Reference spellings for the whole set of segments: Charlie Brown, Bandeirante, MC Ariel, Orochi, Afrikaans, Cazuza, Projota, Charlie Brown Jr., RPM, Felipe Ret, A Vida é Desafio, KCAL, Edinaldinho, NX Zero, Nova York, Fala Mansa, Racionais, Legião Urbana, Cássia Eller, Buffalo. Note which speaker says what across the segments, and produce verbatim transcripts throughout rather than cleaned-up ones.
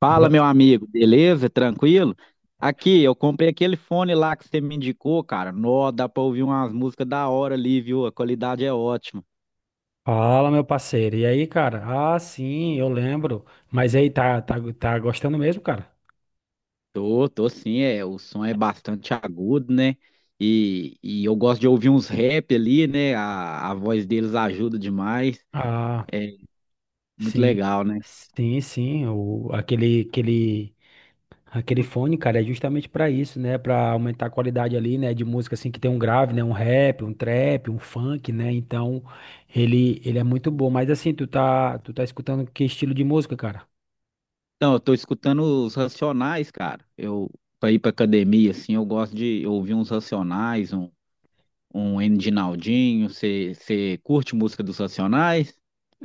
Speaker 1: Fala,
Speaker 2: Boa-
Speaker 1: meu amigo, beleza? Tranquilo? Aqui, eu comprei aquele fone lá que você me indicou, cara. Nó, dá pra ouvir umas músicas da hora ali, viu? A qualidade é ótima.
Speaker 2: Fala, meu parceiro. E aí, cara? Ah, sim, eu lembro. Mas aí, tá, tá, tá gostando mesmo, cara?
Speaker 1: Tô, tô sim, é. O som é bastante agudo, né? E, e eu gosto de ouvir uns rap ali, né? A, a voz deles ajuda demais.
Speaker 2: Ah,
Speaker 1: É muito
Speaker 2: sim.
Speaker 1: legal, né?
Speaker 2: Sim, sim. O, aquele, aquele, aquele fone, cara, é justamente pra isso, né? Pra aumentar a qualidade ali, né? De música, assim, que tem um grave, né? Um rap, um trap, um funk, né? Então, ele, ele é muito bom. Mas assim, tu tá, tu tá escutando que estilo de música, cara?
Speaker 1: Então, eu tô escutando os Racionais, cara. Eu, pra ir pra academia, assim, eu gosto de ouvir uns Racionais, um. um Edinaldinho, você curte música dos Racionais?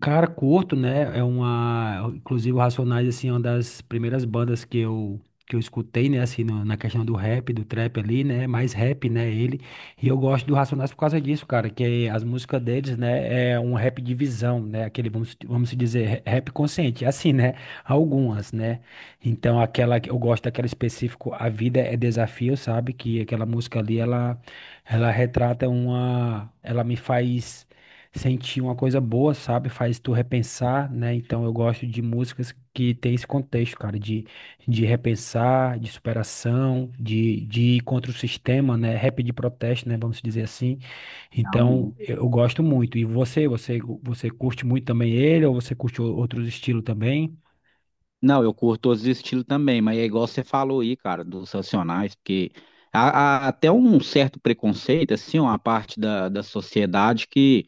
Speaker 2: Cara, Corto, né? É uma. Inclusive, o Racionais, assim, é uma das primeiras bandas que eu, que eu escutei, né? Assim, no- na questão do rap, do trap ali, né? Mais rap, né? Ele. E eu gosto do Racionais por causa disso, cara. Que as músicas deles, né? É um rap de visão, né? Aquele, vamos, vamos se dizer, rap consciente. É assim, né? Algumas, né? Então, aquela que eu gosto daquela específico, A Vida é Desafio, sabe? Que aquela música ali, ela, ela retrata uma. Ela me faz sentir uma coisa boa, sabe? Faz tu repensar, né? Então eu gosto de músicas que tem esse contexto, cara, de, de repensar, de superação, de, de ir contra o sistema, né? Rap de protesto, né? Vamos dizer assim. Então
Speaker 1: Realmente.
Speaker 2: eu gosto muito. E você, você, você curte muito também ele ou você curte o- outros estilos também?
Speaker 1: Não, eu curto todos os estilos também, mas é igual você falou aí, cara, dos Racionais, porque há, há até um certo preconceito, assim, uma parte da, da sociedade que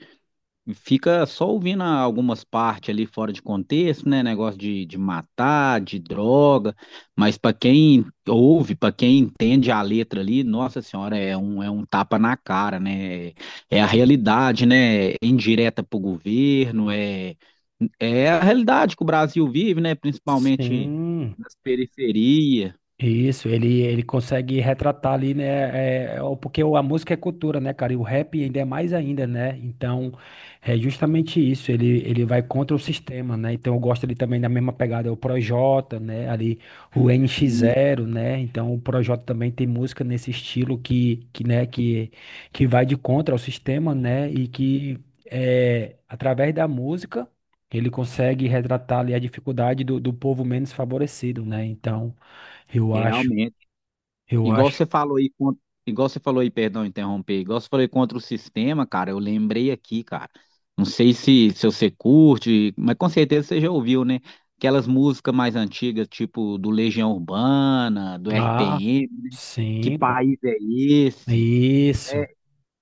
Speaker 1: fica só ouvindo algumas partes ali fora de contexto, né? Negócio de, de matar, de droga, mas para quem ouve, para quem entende a letra ali, nossa senhora, é um, é um tapa na cara, né? É a realidade, né? É indireta para o governo, é, é a realidade que o Brasil vive, né? Principalmente
Speaker 2: Sim.
Speaker 1: nas periferias.
Speaker 2: Isso, ele, ele consegue retratar ali, né? é, é, o- porque o- a música é cultura, né, cara? E o rap ainda é mais ainda, né? Então, é justamente isso. Ele, ele vai contra o sistema, né? Então, eu gosto ali também da mesma pegada, é o Projota, né? Ali, o N X
Speaker 1: E
Speaker 2: Zero, né? Então, o Projota também tem música nesse estilo que, que, né? Que, que vai de contra ao sistema, né? E que, é, através da música, ele consegue retratar ali a dificuldade do, do povo menos favorecido, né? Então. Eu acho,
Speaker 1: realmente.
Speaker 2: eu
Speaker 1: Igual
Speaker 2: acho.
Speaker 1: você falou aí, con- Igual você falou aí, perdão, interromper, igual você falou aí contra o sistema, cara, eu lembrei aqui, cara. Não sei se, se você curte, mas com certeza você já ouviu, né? Aquelas músicas mais antigas, tipo do Legião Urbana, do
Speaker 2: Ah,
Speaker 1: R P M, né? Que
Speaker 2: cinco.
Speaker 1: país é esse?
Speaker 2: Isso.
Speaker 1: É,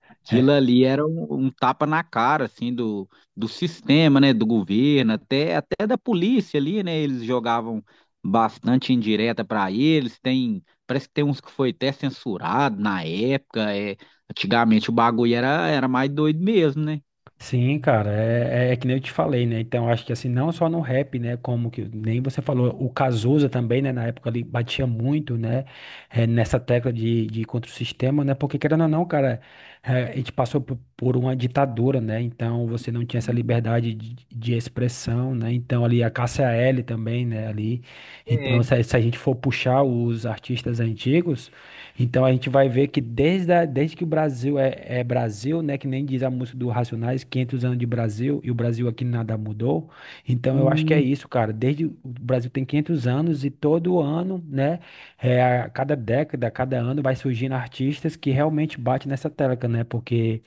Speaker 1: aquilo
Speaker 2: É,
Speaker 1: ali era um, um tapa na cara, assim, do, do sistema, né, do governo, até, até da polícia ali, né, eles jogavam bastante indireta para eles, tem, parece que tem uns que foi até censurado na época, é, antigamente o bagulho era, era mais doido mesmo, né?
Speaker 2: sim, cara, é, é, é que nem eu te falei, né? Então, acho que assim, não só no rap, né? Como que nem você falou, o Cazuza também, né? Na época ali batia muito, né? É, nessa tecla de, de contra o sistema, né? Porque querendo ou não, cara, é, a gente passou por, por uma ditadura, né? Então, você não tinha essa liberdade de, de expressão, né? Então, ali a Cássia Eller também, né? Ali. Então,
Speaker 1: É.
Speaker 2: se, a- se a gente for puxar os artistas antigos. Então a gente vai ver que desde, a- desde que o Brasil é, é Brasil, né, que nem diz a música do Racionais, quinhentos anos de Brasil, e o Brasil aqui nada mudou. Então eu acho que é
Speaker 1: Hum.
Speaker 2: isso, cara. Desde o Brasil tem quinhentos anos e todo ano, né, é, a cada década, a cada ano vai surgindo artistas que realmente batem nessa tecla, né? Porque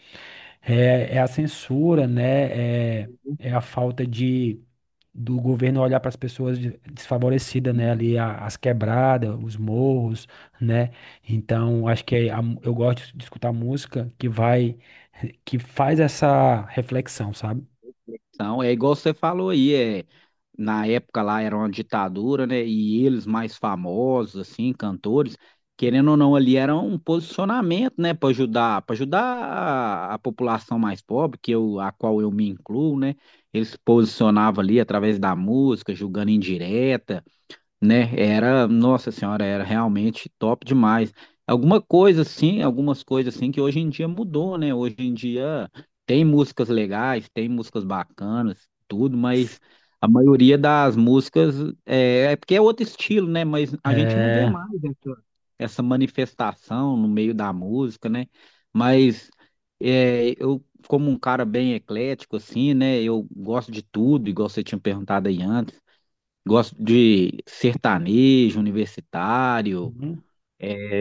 Speaker 2: é, é a censura, né? É, é a falta de do governo olhar para as pessoas de- desfavorecidas, né? Ali a- as quebradas, os morros, né? Então, acho que é a mu- eu gosto de escutar música que vai, que faz essa reflexão, sabe?
Speaker 1: Então, é igual você falou aí, é, na época lá era uma ditadura, né? E eles mais famosos, assim, cantores, querendo ou não, ali era um posicionamento, né, para ajudar, para ajudar a, a população mais pobre, que eu, a qual eu me incluo, né? Eles se posicionavam ali através da música, julgando indireta, né? Era, nossa senhora, era realmente top demais. Alguma coisa assim, algumas coisas assim que hoje em dia mudou, né? Hoje em dia tem músicas legais, tem músicas bacanas, tudo, mas a maioria das músicas é, é porque é outro estilo, né? Mas a gente não vê
Speaker 2: É.
Speaker 1: mais essa, essa manifestação no meio da música, né? Mas é, eu, como um cara bem eclético, assim, né? Eu gosto de tudo, igual você tinha perguntado aí antes. Gosto de sertanejo, universitário,
Speaker 2: Uhum.
Speaker 1: é,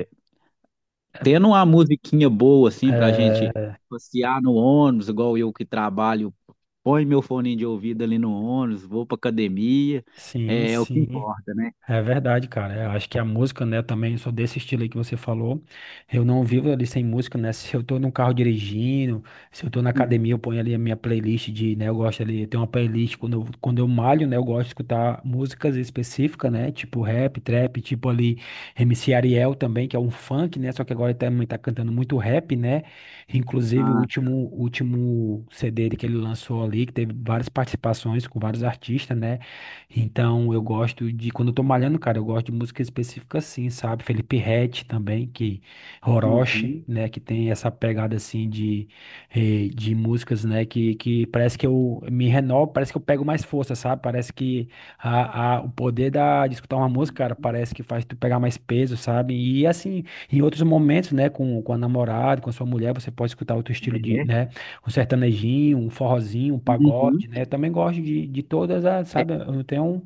Speaker 1: tendo uma musiquinha boa assim pra gente
Speaker 2: É,
Speaker 1: passear no ônibus, igual eu que trabalho, põe meu fone de ouvido ali no ônibus, vou pra academia,
Speaker 2: sim,
Speaker 1: é, é o que
Speaker 2: sim.
Speaker 1: importa, né?
Speaker 2: É verdade, cara. Eu acho que a música, né, também sou desse estilo aí que você falou. Eu não vivo ali sem música, né? Se eu tô no carro dirigindo, se eu tô na
Speaker 1: Uhum.
Speaker 2: academia, eu ponho ali a minha playlist de, né, eu gosto ali, tem uma playlist quando eu, quando eu malho, né, eu gosto de escutar músicas específicas, né, tipo rap, trap, tipo ali M C Ariel também, que é um funk, né, só que agora ele também tá cantando muito rap, né? Inclusive o
Speaker 1: Ah,
Speaker 2: último, o último C D dele que ele lançou ali, que teve várias participações com vários artistas, né? Então, eu gosto de, quando eu tô malhando, cara, eu gosto de música específica assim, sabe? Felipe Ret também, que Orochi,
Speaker 1: uhum.
Speaker 2: né, que tem essa pegada assim de, eh, de músicas, né, que, que parece que eu me renovo, parece que eu pego mais força, sabe? Parece que a, a, o poder da, de escutar uma música, cara, parece que faz tu pegar mais peso, sabe? E assim, em outros momentos, né, com, com a namorada, com a sua mulher, você pode escutar outro estilo de,
Speaker 1: É,
Speaker 2: né? Um sertanejinho, um forrozinho, um
Speaker 1: uhum.
Speaker 2: pagode, né? Eu também gosto de, de todas as, sabe? Eu não tenho,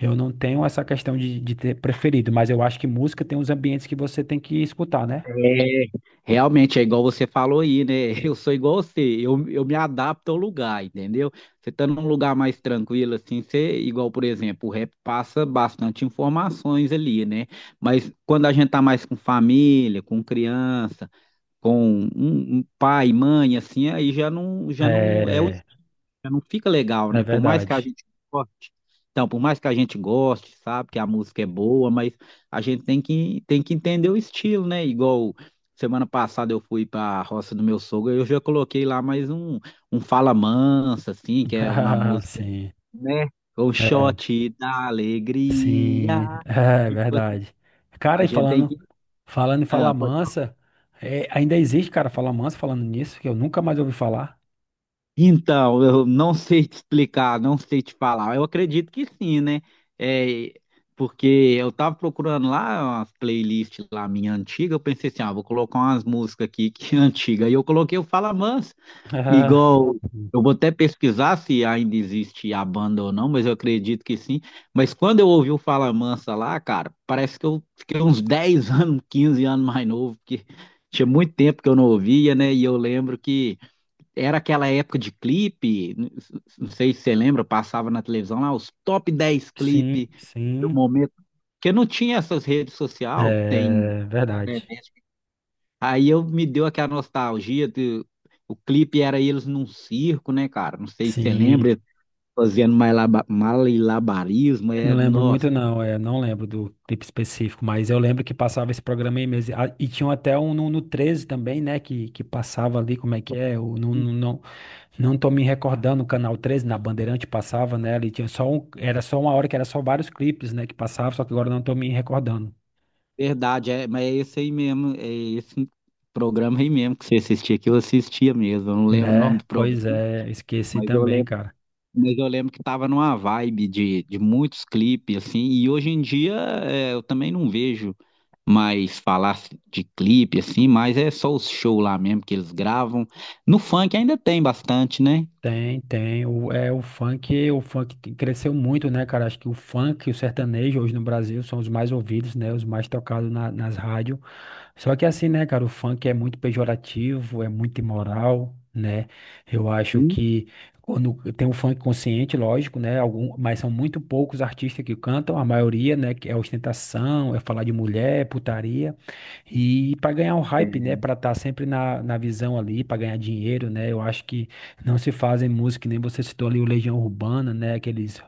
Speaker 2: eu não tenho essa questão de, de ter preferido, mas eu acho que música tem uns ambientes que você tem que escutar, né?
Speaker 1: É, realmente é igual você falou aí, né? Eu sou igual você, eu, eu me adapto ao lugar, entendeu? Você tá num lugar mais tranquilo, assim, você, igual, por exemplo, o rap passa bastante informações ali, né? Mas quando a gente tá mais com família, com criança, com um, um pai, mãe, assim, aí já não, já não é,
Speaker 2: É,
Speaker 1: já não fica legal,
Speaker 2: é
Speaker 1: né? Por mais que a
Speaker 2: verdade.
Speaker 1: gente goste. Então, por mais que a gente goste, sabe, que a música é boa, mas a gente tem que, tem que entender o estilo, né? Igual semana passada eu fui para a roça do meu sogro, eu já coloquei lá mais um, um Fala Mansa, assim, que é uma
Speaker 2: Ah,
Speaker 1: música,
Speaker 2: sim,
Speaker 1: né? Um
Speaker 2: é,
Speaker 1: shot da alegria.
Speaker 2: sim, é
Speaker 1: Tipo,
Speaker 2: verdade. Cara,
Speaker 1: a
Speaker 2: e
Speaker 1: gente tem
Speaker 2: falando,
Speaker 1: que.
Speaker 2: falando em Fala
Speaker 1: Ah, pode.
Speaker 2: Mansa, é, ainda existe, cara, Fala Mansa falando nisso, que eu nunca mais ouvi falar.
Speaker 1: Então, eu não sei te explicar, não sei te falar. Eu acredito que sim, né? É, porque eu tava procurando lá umas playlists lá minha antiga, eu pensei assim, ah, vou colocar umas músicas aqui que é antiga. E eu coloquei o Fala Mansa,
Speaker 2: Ah,
Speaker 1: igual, eu vou até pesquisar se ainda existe a banda ou não, mas eu acredito que sim. Mas quando eu ouvi o Fala Mansa lá, cara, parece que eu fiquei uns dez anos, quinze anos mais novo, porque tinha muito tempo que eu não ouvia, né? E eu lembro que era aquela época de clipe, n- não sei se você lembra, passava na televisão lá os top dez
Speaker 2: sim,
Speaker 1: clipes do
Speaker 2: sim,
Speaker 1: momento, porque não tinha essas redes sociais que tem,
Speaker 2: é
Speaker 1: né?
Speaker 2: verdade.
Speaker 1: Aí eu me deu aquela nostalgia de, o clipe era eles num circo, né, cara? Não sei se você
Speaker 2: Sim.
Speaker 1: lembra, eles fazendo malaba- malabarismo, era,
Speaker 2: Não lembro
Speaker 1: nossa,
Speaker 2: muito, não. É, não lembro do clipe específico, mas eu lembro que passava esse programa aí mesmo. Ah, e tinha até um no, no treze também, né? Que, que passava ali, como é que é? Eu não, não, não, não tô me recordando, o canal treze na Bandeirante passava, né? Ali tinha só um, era só uma hora que era só vários clipes, né? Que passava, só que agora eu não tô me recordando.
Speaker 1: verdade, é, mas é esse aí mesmo, é esse programa aí mesmo que você assistia, que eu assistia mesmo, eu não lembro o nome
Speaker 2: Né?
Speaker 1: do programa,
Speaker 2: Pois é, esqueci
Speaker 1: mas eu
Speaker 2: também,
Speaker 1: lembro.
Speaker 2: cara.
Speaker 1: Mas eu lembro que tava numa vibe de, de muitos clipes, assim, e hoje em dia é, eu também não vejo mais falar de clipe, assim, mas é só os shows lá mesmo que eles gravam. No funk ainda tem bastante, né?
Speaker 2: Tem, tem. O, é, o funk, o funk que cresceu muito, né, cara? Acho que o funk e o sertanejo hoje no Brasil são os mais ouvidos, né? Os mais tocados na- nas rádios. Só que assim, né, cara, o funk é muito pejorativo, é muito imoral, né? Eu acho
Speaker 1: Sim.
Speaker 2: que quando tem o funk consciente, lógico, né? Algum, mas são muito poucos artistas que cantam, a maioria, né, que é ostentação, é falar de mulher, é putaria. E para ganhar um hype,
Speaker 1: É,
Speaker 2: né? Para estar sempre na, na visão ali, para ganhar dinheiro, né? Eu acho que não se fazem música, que nem você citou ali o Legião Urbana, né? Aqueles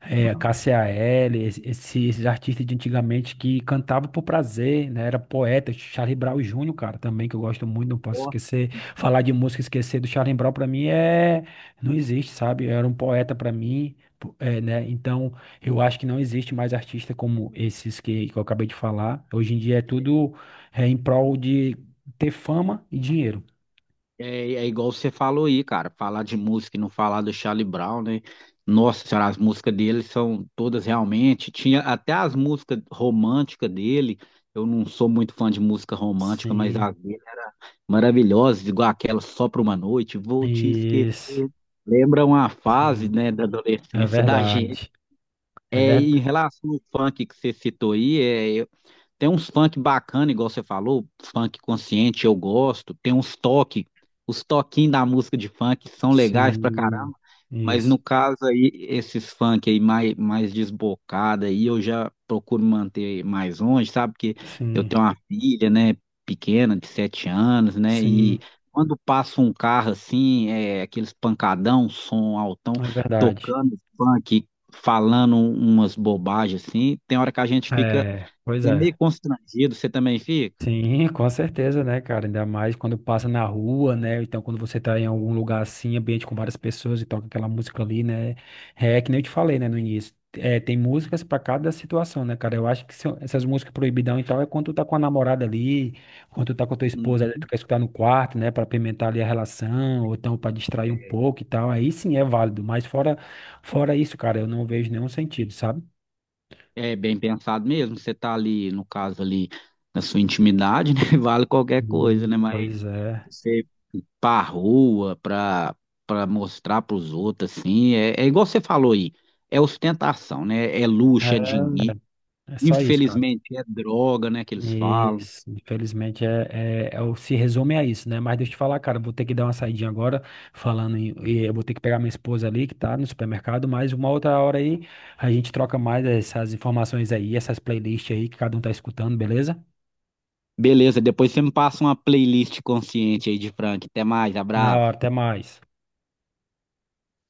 Speaker 2: é,
Speaker 1: não.
Speaker 2: K C A L, es- esses esses artistas de antigamente que cantavam por prazer, né? Era poeta, Charlie Brown Júnior, cara, também, que eu gosto muito, não posso
Speaker 1: Nossa,
Speaker 2: esquecer. Falar de música e esquecer do Charlie Brown, para mim, é... Não existe, sabe? Era um poeta para mim, po- é, né? Então, eu acho que não existe mais artista como esses que, que eu acabei de falar. Hoje em dia é tudo é em prol de ter fama e dinheiro.
Speaker 1: é, é igual você falou aí, cara, falar de música e não falar do Charlie Brown, né? Nossa senhora, as músicas dele são todas realmente. Tinha até as músicas românticas dele. Eu não sou muito fã de música romântica, mas
Speaker 2: Sim,
Speaker 1: as dele era maravilhosas, igual aquela Só Pra Uma Noite, Vou Te Esquecer.
Speaker 2: isso.
Speaker 1: Lembra uma fase,
Speaker 2: Sim,
Speaker 1: né, da
Speaker 2: é
Speaker 1: adolescência da gente.
Speaker 2: verdade. É
Speaker 1: É, e em
Speaker 2: verdade.
Speaker 1: relação ao funk que você citou aí, é, tem uns funk bacana, igual você falou, funk consciente, eu gosto. Tem uns toques, os toquinhos da música de funk são legais pra caramba.
Speaker 2: Sim,
Speaker 1: Mas
Speaker 2: isso.
Speaker 1: no caso aí, esses funk aí mais, mais desbocado aí, eu já procuro manter mais longe, sabe? Porque eu
Speaker 2: Sim,
Speaker 1: tenho uma filha, né, pequena, de sete anos, né? E
Speaker 2: sim,
Speaker 1: quando passa um carro assim, é, aqueles pancadão, som altão,
Speaker 2: é verdade.
Speaker 1: tocando funk, falando um, umas bobagens assim, tem hora que a gente fica
Speaker 2: É, pois
Speaker 1: é meio
Speaker 2: é.
Speaker 1: constrangido, você também fica?
Speaker 2: Sim, com certeza, né, cara? Ainda mais quando passa na rua, né? Ou então, quando você tá em algum lugar assim, ambiente com várias pessoas e toca aquela música ali, né? É que nem eu te falei, né, no início. É, tem músicas pra cada situação, né, cara? Eu acho que são- essas músicas proibidão e tal é quando tu tá com a namorada ali, quando tu tá com a tua esposa ali, tu
Speaker 1: Uhum.
Speaker 2: quer escutar no quarto, né, pra apimentar ali a relação, ou então pra distrair um pouco e tal. Aí sim é válido, mas fora, fora isso, cara, eu não vejo nenhum sentido, sabe?
Speaker 1: É bem pensado mesmo, você tá ali, no caso ali, na sua intimidade, né? Vale qualquer coisa, né?
Speaker 2: Hum,
Speaker 1: Mas
Speaker 2: pois é.
Speaker 1: você ir pra rua, pra, pra mostrar pros outros, assim, é, é igual você falou aí, é ostentação, né? É luxo, é
Speaker 2: É,
Speaker 1: dinheiro,
Speaker 2: é só isso, cara.
Speaker 1: infelizmente é droga, né, que eles falam.
Speaker 2: Isso, infelizmente é, é, é o- se resume a isso, né? Mas deixa eu te falar, cara, vou ter que dar uma saidinha agora, falando em, e eu vou ter que pegar minha esposa ali que tá no supermercado, mas uma outra hora aí a gente troca mais essas informações aí, essas playlists aí que cada um tá escutando, beleza?
Speaker 1: Beleza, depois você me passa uma playlist consciente aí de Frank. Até mais,
Speaker 2: Na
Speaker 1: abraço.
Speaker 2: hora, até mais.